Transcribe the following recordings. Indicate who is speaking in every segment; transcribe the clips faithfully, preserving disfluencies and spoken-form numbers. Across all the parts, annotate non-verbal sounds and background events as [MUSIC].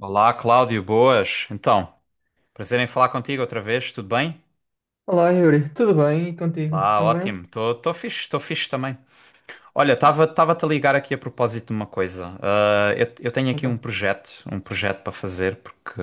Speaker 1: Olá, Cláudio, boas. Então, prazer em falar contigo outra vez, tudo bem?
Speaker 2: Olá, Yuri, tudo bem? E contigo
Speaker 1: Lá,
Speaker 2: também?
Speaker 1: ótimo. Estou tô, fixe, estou fixe também. Olha, estava tava a ligar aqui a propósito de uma coisa. Ah, eu, eu tenho aqui um
Speaker 2: Então,
Speaker 1: projeto, um projeto para fazer, porque...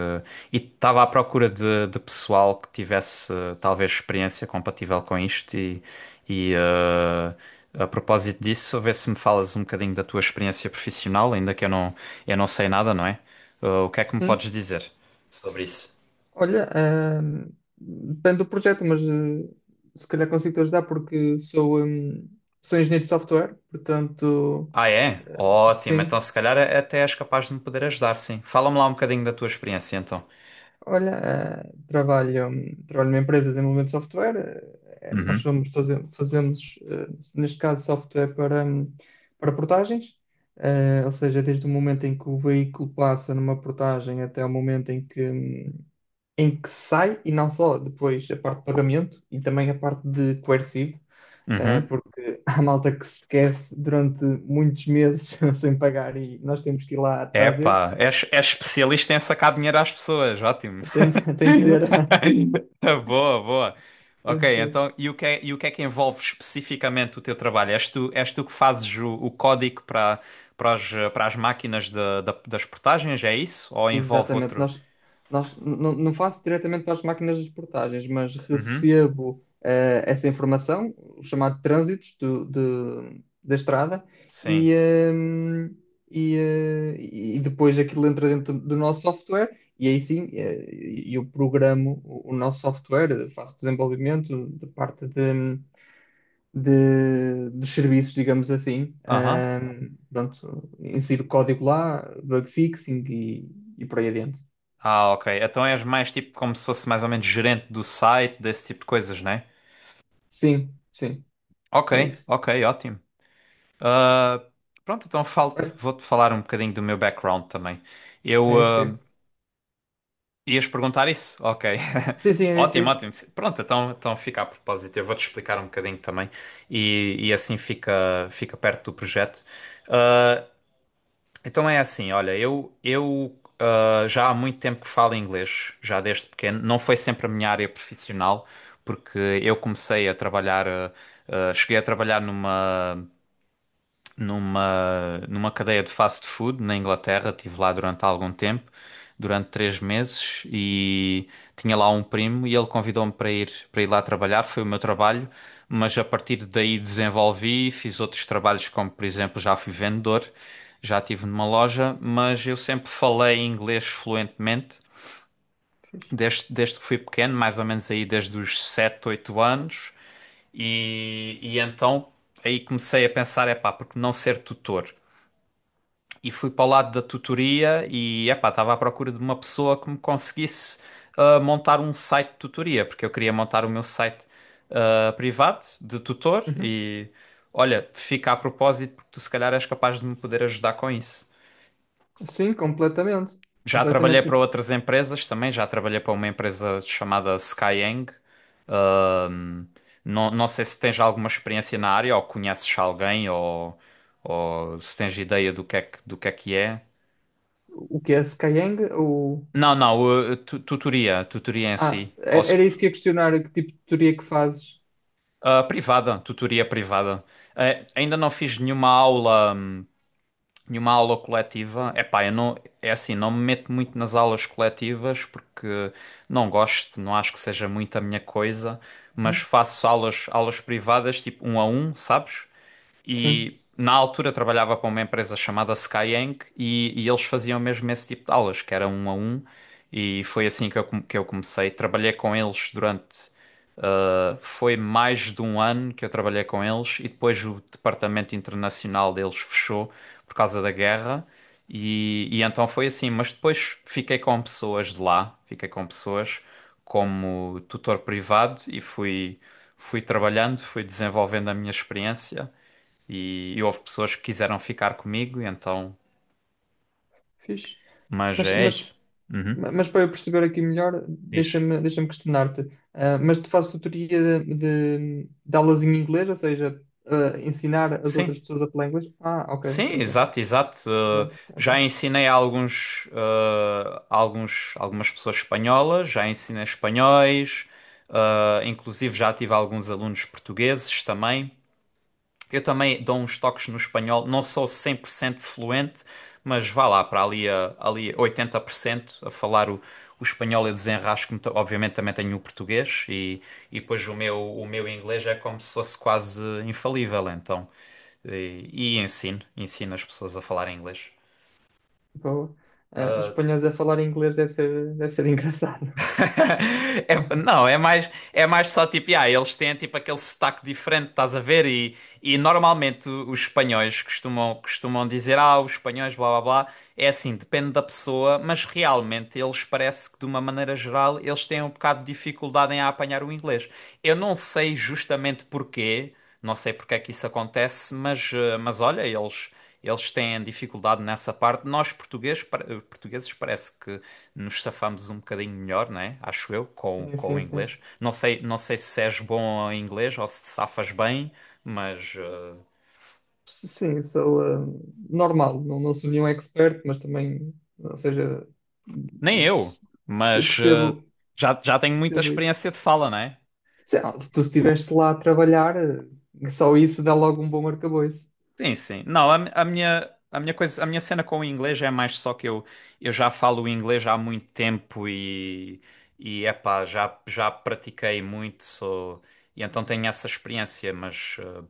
Speaker 1: E estava à procura de, de pessoal que tivesse ah, talvez experiência compatível com isto e, e ah, a propósito disso, a ver se me falas um bocadinho da tua experiência profissional, ainda que eu não, eu não sei nada, não é? Ah, o que é que me
Speaker 2: sim.
Speaker 1: podes dizer sobre isso?
Speaker 2: Olha, ahm, depende do projeto, mas eh, se calhar consigo-te ajudar porque sou, ahm, sou engenheiro de software, portanto,
Speaker 1: Ah, é?
Speaker 2: eh,
Speaker 1: Ótimo. Então,
Speaker 2: sim.
Speaker 1: se calhar é- até és capaz de me poder ajudar, sim. Fala-me lá um bocadinho da tua experiência, então.
Speaker 2: Olha, eh, trabalho, hum, trabalho numa empresa de desenvolvimento de software. Eh, eh, nós
Speaker 1: Uhum.
Speaker 2: somos, faze- fazemos, eh, neste caso, software para, hum, para portagens. Eh, ou seja, desde o momento em que o veículo passa numa portagem até o momento em que, em que sai, e não só depois a parte de pagamento e também a parte de coercivo, eh,
Speaker 1: Uhum.
Speaker 2: porque [LAUGHS] há malta que se esquece durante muitos meses [LAUGHS] sem pagar e nós temos que ir lá atrás deles.
Speaker 1: Epá, és, és especialista em sacar dinheiro às pessoas. Ótimo.
Speaker 2: Tem, de- [LAUGHS] tem de ser, [LAUGHS]
Speaker 1: [LAUGHS] Boa, boa.
Speaker 2: tem
Speaker 1: Ok,
Speaker 2: de
Speaker 1: então,
Speaker 2: ser.
Speaker 1: e o que é, e o que é que envolve especificamente o teu trabalho? És tu, és tu que fazes o, o código para, para as, para as máquinas de- da- das portagens, é isso? Ou envolve
Speaker 2: Exatamente.
Speaker 1: outro?
Speaker 2: Nós, nós não, não faço diretamente para as máquinas de portagens, mas
Speaker 1: Uhum.
Speaker 2: recebo eh, essa informação, o chamado trânsitos do, do- da estrada, e,
Speaker 1: Sim.
Speaker 2: eh, e, eh, e depois aquilo entra dentro do nosso software, e aí sim, eh, eu programo o, o nosso software, eh, faço desenvolvimento de parte de, de- dos serviços, digamos assim.
Speaker 1: Aham.
Speaker 2: Ahm, pronto, insiro o código lá, bug fixing e, e por aí adiante.
Speaker 1: Ah, ok. Então és mais tipo como se fosse mais ou menos gerente do site, desse tipo de coisas, né?
Speaker 2: Sim, sim,
Speaker 1: Ok,
Speaker 2: é isso.
Speaker 1: ok, ótimo. Ah, pronto, então falo-
Speaker 2: É,
Speaker 1: vou-te falar um bocadinho do meu background também.
Speaker 2: é
Speaker 1: Eu,
Speaker 2: isso que.
Speaker 1: ah, Ias perguntar isso? Ok. [LAUGHS]
Speaker 2: Sim, sim, é isso, é
Speaker 1: Ótimo,
Speaker 2: isso.
Speaker 1: ótimo. Pronto, então, então fica a propósito. Eu vou-te explicar um bocadinho também e, e assim fica, fica perto do projeto. Ah, Então é assim, olha, eu, eu ah, já há muito tempo que falo inglês, já desde pequeno. Não foi sempre a minha área profissional, porque eu comecei a trabalhar, ah, ah, cheguei a trabalhar numa numa, numa cadeia de fast food na Inglaterra. Estive lá durante algum tempo, durante três meses, e tinha lá um primo e ele convidou-me para ir, para ir, lá trabalhar. Foi o meu trabalho, mas a partir daí desenvolvi, fiz outros trabalhos, como por exemplo já fui vendedor, já estive numa loja, mas eu sempre falei inglês fluentemente. Desde, desde que fui pequeno, mais ou menos aí desde os sete oito anos, e, e então aí comecei a pensar, é pá, porque não ser tutor? E fui para o lado da tutoria e epá, estava à procura de uma pessoa que me conseguisse ah, montar um site de tutoria, porque eu queria montar o meu site, ah, privado, de tutor.
Speaker 2: Uhum.
Speaker 1: E olha, fica a propósito porque tu se calhar és capaz de me poder ajudar com isso.
Speaker 2: Sim, completamente.
Speaker 1: Já trabalhei
Speaker 2: Completamente.
Speaker 1: para outras empresas também, já trabalhei para uma empresa chamada Skyeng. Ahm, Não não sei se tens alguma experiência na área ou conheces alguém, ou, ou se tens ideia do que é que, do que é que é.
Speaker 2: O que é Skyeng? O...
Speaker 1: Não, não, uh, tu- tutoria, tutoria em
Speaker 2: Ah,
Speaker 1: si, ou,
Speaker 2: era,
Speaker 1: sec-
Speaker 2: era isso que ia questionar, que tipo de teoria que fazes?
Speaker 1: uh, privada, tutoria privada. Eh, ainda não fiz nenhuma aula. hum, E uma aula coletiva, epá, eu não, é assim, não me meto muito nas aulas coletivas porque não gosto, não acho que seja muito a minha coisa, mas
Speaker 2: Uhum.
Speaker 1: faço aulas, aulas privadas, tipo um a um, sabes?
Speaker 2: Sim,
Speaker 1: E na altura trabalhava para uma empresa chamada Skyeng e, e eles faziam mesmo esse tipo de aulas, que era um a um, e foi assim que eu, come- que eu comecei. Trabalhei com eles durante. Uh, foi mais de um ano que eu trabalhei com eles e depois o departamento internacional deles fechou por causa da guerra e, e então foi assim. Mas depois fiquei com pessoas de lá, fiquei com pessoas como tutor privado e fui, fui trabalhando, fui desenvolvendo a minha experiência e, e houve pessoas que quiseram ficar comigo, e então,
Speaker 2: fixe.
Speaker 1: mas
Speaker 2: Mas,
Speaker 1: é
Speaker 2: mas
Speaker 1: isso. Uhum.
Speaker 2: Ma- Mas para eu perceber aqui melhor,
Speaker 1: Diz.
Speaker 2: deixa-me deixa-me questionar-te. Ah, mas tu fazes tutoria de, de, de aulas em inglês, ou seja, ah, ensinar as outras
Speaker 1: Sim.
Speaker 2: pessoas a falar inglês? Ah, ok,
Speaker 1: Sim,
Speaker 2: ok, ok.
Speaker 1: exato, exato. Uh,
Speaker 2: Pronto,
Speaker 1: já
Speaker 2: ok.
Speaker 1: ensinei a alguns, uh, a alguns, algumas pessoas espanholas, já ensinei espanhóis, uh, inclusive já tive alguns alunos portugueses também. Eu também dou uns toques no espanhol, não sou cem por cento fluente, mas vá lá para ali, a, ali a oitenta por cento a falar o, o espanhol, eu desenrasco-me. ta- Obviamente também tenho o português e, e depois o meu, o meu inglês é como se fosse quase infalível, então. E, e ensino, ensino as pessoas a falar inglês.
Speaker 2: Boa. Ah, os
Speaker 1: Ah,
Speaker 2: espanhóis a falar inglês deve ser, deve ser [LAUGHS] engraçado.
Speaker 1: [LAUGHS] É- não, é mais, é mais só tipo, yeah, eles têm tipo aquele sotaque diferente, estás a ver? E, e normalmente o- os espanhóis costumam, costumam dizer, ah, os espanhóis, blá blá blá. É assim, depende da pessoa, mas realmente eles parece que de uma maneira geral eles têm um bocado de dificuldade em apanhar o inglês. Eu não sei justamente porquê. Não sei porque é que isso acontece, mas, eh, mas olha, eles, eles têm dificuldade nessa parte. Nós portugueses, pa- eh, portugueses parece que nos safamos um bocadinho melhor, né? Acho eu, com,
Speaker 2: Sim,
Speaker 1: com o
Speaker 2: sim, sim.
Speaker 1: inglês. Não sei, não sei se és bom em inglês ou se te safas bem, mas eh,
Speaker 2: Sim, sou ah, normal, não, não sou nenhum expert, mas também, ou seja,
Speaker 1: nem eu.
Speaker 2: perce-
Speaker 1: Mas eh,
Speaker 2: percebo,
Speaker 1: já, já tenho muita
Speaker 2: percebo.
Speaker 1: experiência de fala, né?
Speaker 2: Se, se tu estiveste lá a trabalhar, eh, só isso dá logo um bom arcabouço.
Speaker 1: Sim, sim. Não, a, mi- a minha, a minha coisa, a minha cena com o inglês é mais só que eu, eu já falo inglês há muito tempo e, e epá, já, já pratiquei muito, sou, e então tenho essa experiência, mas. eh,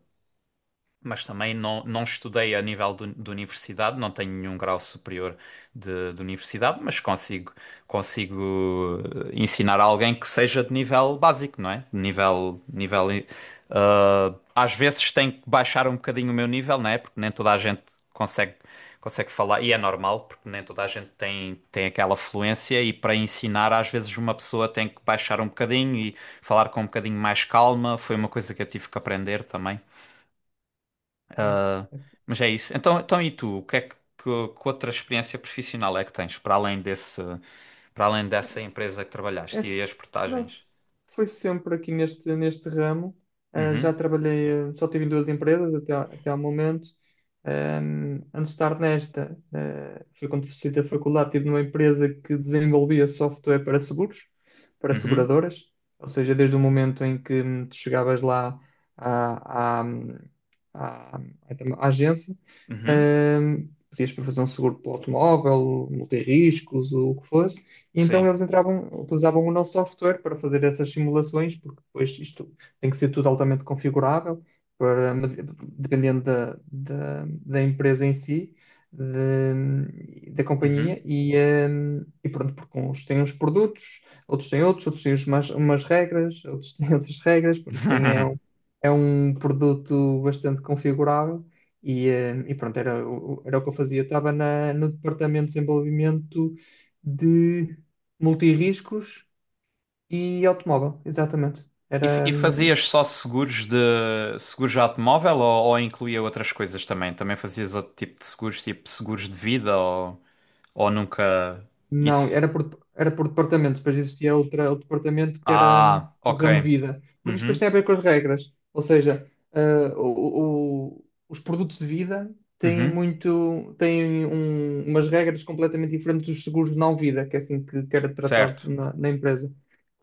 Speaker 1: mas também não, não estudei a nível do- de universidade, não tenho nenhum grau superior de, de universidade, mas consigo, consigo eh, ensinar a alguém que seja de nível básico, não é? De Nível, nível, eh, ah, Às vezes tenho que baixar um bocadinho o meu nível, não é? Porque nem toda a gente consegue, consegue falar, e é normal, porque nem toda a gente tem, tem aquela fluência, e para ensinar, às vezes uma pessoa tem que baixar um bocadinho e falar com um bocadinho mais calma, foi uma coisa que eu tive que aprender também.
Speaker 2: Yeah.
Speaker 1: Mas é isso. Então, então e tu? O que é que, que, que outra experiência profissional é que tens para além desse, para além dessa empresa que
Speaker 2: É,
Speaker 1: trabalhaste e as
Speaker 2: s- não,
Speaker 1: portagens?
Speaker 2: foi sempre aqui neste, neste ramo. Ah, já
Speaker 1: Uhum,
Speaker 2: trabalhei, ah, só tive em duas empresas até, ao- até ao momento. Ahm, antes de estar nesta, ah, foi quando fiz da faculdade, estive numa empresa que desenvolvia software para seguros, para
Speaker 1: uhum,
Speaker 2: seguradoras. Ou seja, desde o momento em que, hum, tu chegavas lá à, à, à- à agência,
Speaker 1: uhum,
Speaker 2: ahm, pedias para fazer um seguro para o automóvel, multirriscos, ou o que fosse. E então
Speaker 1: sim,
Speaker 2: eles entravam, utilizavam o nosso software para fazer essas simulações, porque depois isto tem que ser tudo altamente configurável, para, dependendo da, da, da empresa em si, de- da companhia,
Speaker 1: uhum.
Speaker 2: e, hum, e pronto, porque uns têm uns produtos, outros têm outros, outros têm umas, umas regras, outros têm [LAUGHS] outras regras, pronto, isto tem, é, um,
Speaker 1: [LAUGHS]
Speaker 2: é um produto bastante configurável. E, hum, e pronto, era, o- era o que eu fazia. Eu estava na, no departamento de desenvolvimento de multirriscos e automóvel, exatamente.
Speaker 1: E, f-
Speaker 2: Era,
Speaker 1: e
Speaker 2: hum,
Speaker 1: fazias só seguros de seguros de automóvel, ou, ou incluía outras coisas também? Também fazias outro tipo de seguros, tipo seguros de vida, ou, ou nunca
Speaker 2: não,
Speaker 1: isso?
Speaker 2: era por, era por departamentos, depois existia outra, outro departamento que era, hum,
Speaker 1: Ah,
Speaker 2: o
Speaker 1: ok.
Speaker 2: ramo vida, porque isto depois tem
Speaker 1: Uhum,
Speaker 2: a ver com as regras, ou seja, ah, o- o- os produtos de vida têm
Speaker 1: uhum,
Speaker 2: muito, têm um- umas regras completamente diferentes dos seguros de não vida, que é assim que, que era tratado
Speaker 1: certo.
Speaker 2: na, na empresa.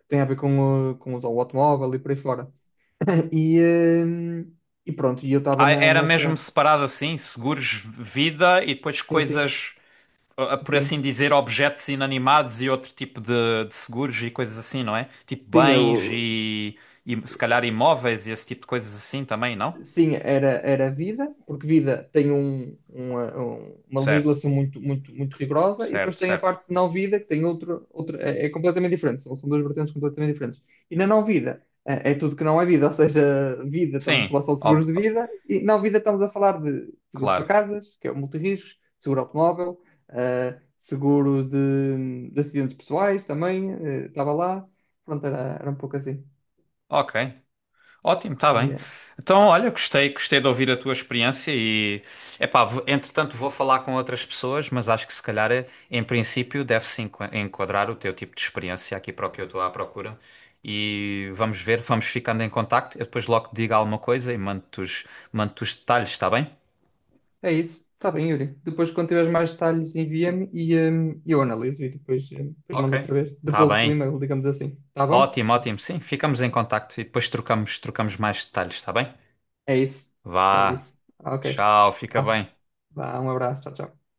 Speaker 2: Tem a ver com, o- com o automóvel e por aí fora. E, hum, e pronto, e eu estava
Speaker 1: Ah,
Speaker 2: na-
Speaker 1: era mesmo
Speaker 2: nessa.
Speaker 1: separado assim, seguros vida e depois
Speaker 2: Sim, sim,
Speaker 1: coisas, ah, por assim
Speaker 2: sim.
Speaker 1: dizer, objetos inanimados e outro tipo de, de seguros e coisas assim, não é? Tipo
Speaker 2: Sim,
Speaker 1: bens
Speaker 2: eu
Speaker 1: e, e se calhar imóveis e esse tipo de coisas assim também, não?
Speaker 2: sim, era, era vida, porque vida tem um, uma, um- uma
Speaker 1: Certo,
Speaker 2: legislação muito, muito, muito rigorosa, e depois
Speaker 1: certo,
Speaker 2: tem a
Speaker 1: certo.
Speaker 2: parte de não vida, que tem outro, outro é, é completamente diferente, são, são duas vertentes completamente diferentes. E na não vida é, é tudo que não é vida, [LAUGHS] ou seja, vida, estamos a
Speaker 1: Sim,
Speaker 2: falar só de seguros
Speaker 1: ob-
Speaker 2: de vida, e não vida estamos a falar de seguros para
Speaker 1: claro.
Speaker 2: casas, que é o multirriscos, seguro automóvel, eh, seguro de, de acidentes pessoais também, eh, estava lá, pronto, era, era um pouco assim.
Speaker 1: Ok. Ótimo, está
Speaker 2: E,
Speaker 1: bem.
Speaker 2: eh,
Speaker 1: Então, olha, gostei, gostei de ouvir a tua experiência e, epá, v- entretanto vou falar com outras pessoas, mas acho que se calhar, eh, em princípio, deve-se enqua- enquadrar o teu tipo de experiência aqui para o que eu estou à procura. E vamos ver, vamos ficando em contacto. Eu depois logo te digo alguma coisa e mando-te os, mando-te os detalhes, está bem?
Speaker 2: É isso. Está bem, Yuri. Depois, quando tiveres mais detalhes, envia-me e, hum, eu analiso e depois, hum, depois
Speaker 1: Ok.
Speaker 2: mando outra vez.
Speaker 1: Está
Speaker 2: Devolvo-te o
Speaker 1: bem.
Speaker 2: e-mail, digamos assim. Está bom?
Speaker 1: Ótimo, ótimo. Sim, ficamos em contacto e depois trocamos, trocamos mais detalhes, está bem?
Speaker 2: É isso. É
Speaker 1: Vá,
Speaker 2: isso. Ok.
Speaker 1: tchau, fica
Speaker 2: Vá.
Speaker 1: bem.
Speaker 2: Vá. Um abraço. Tchau, tchau.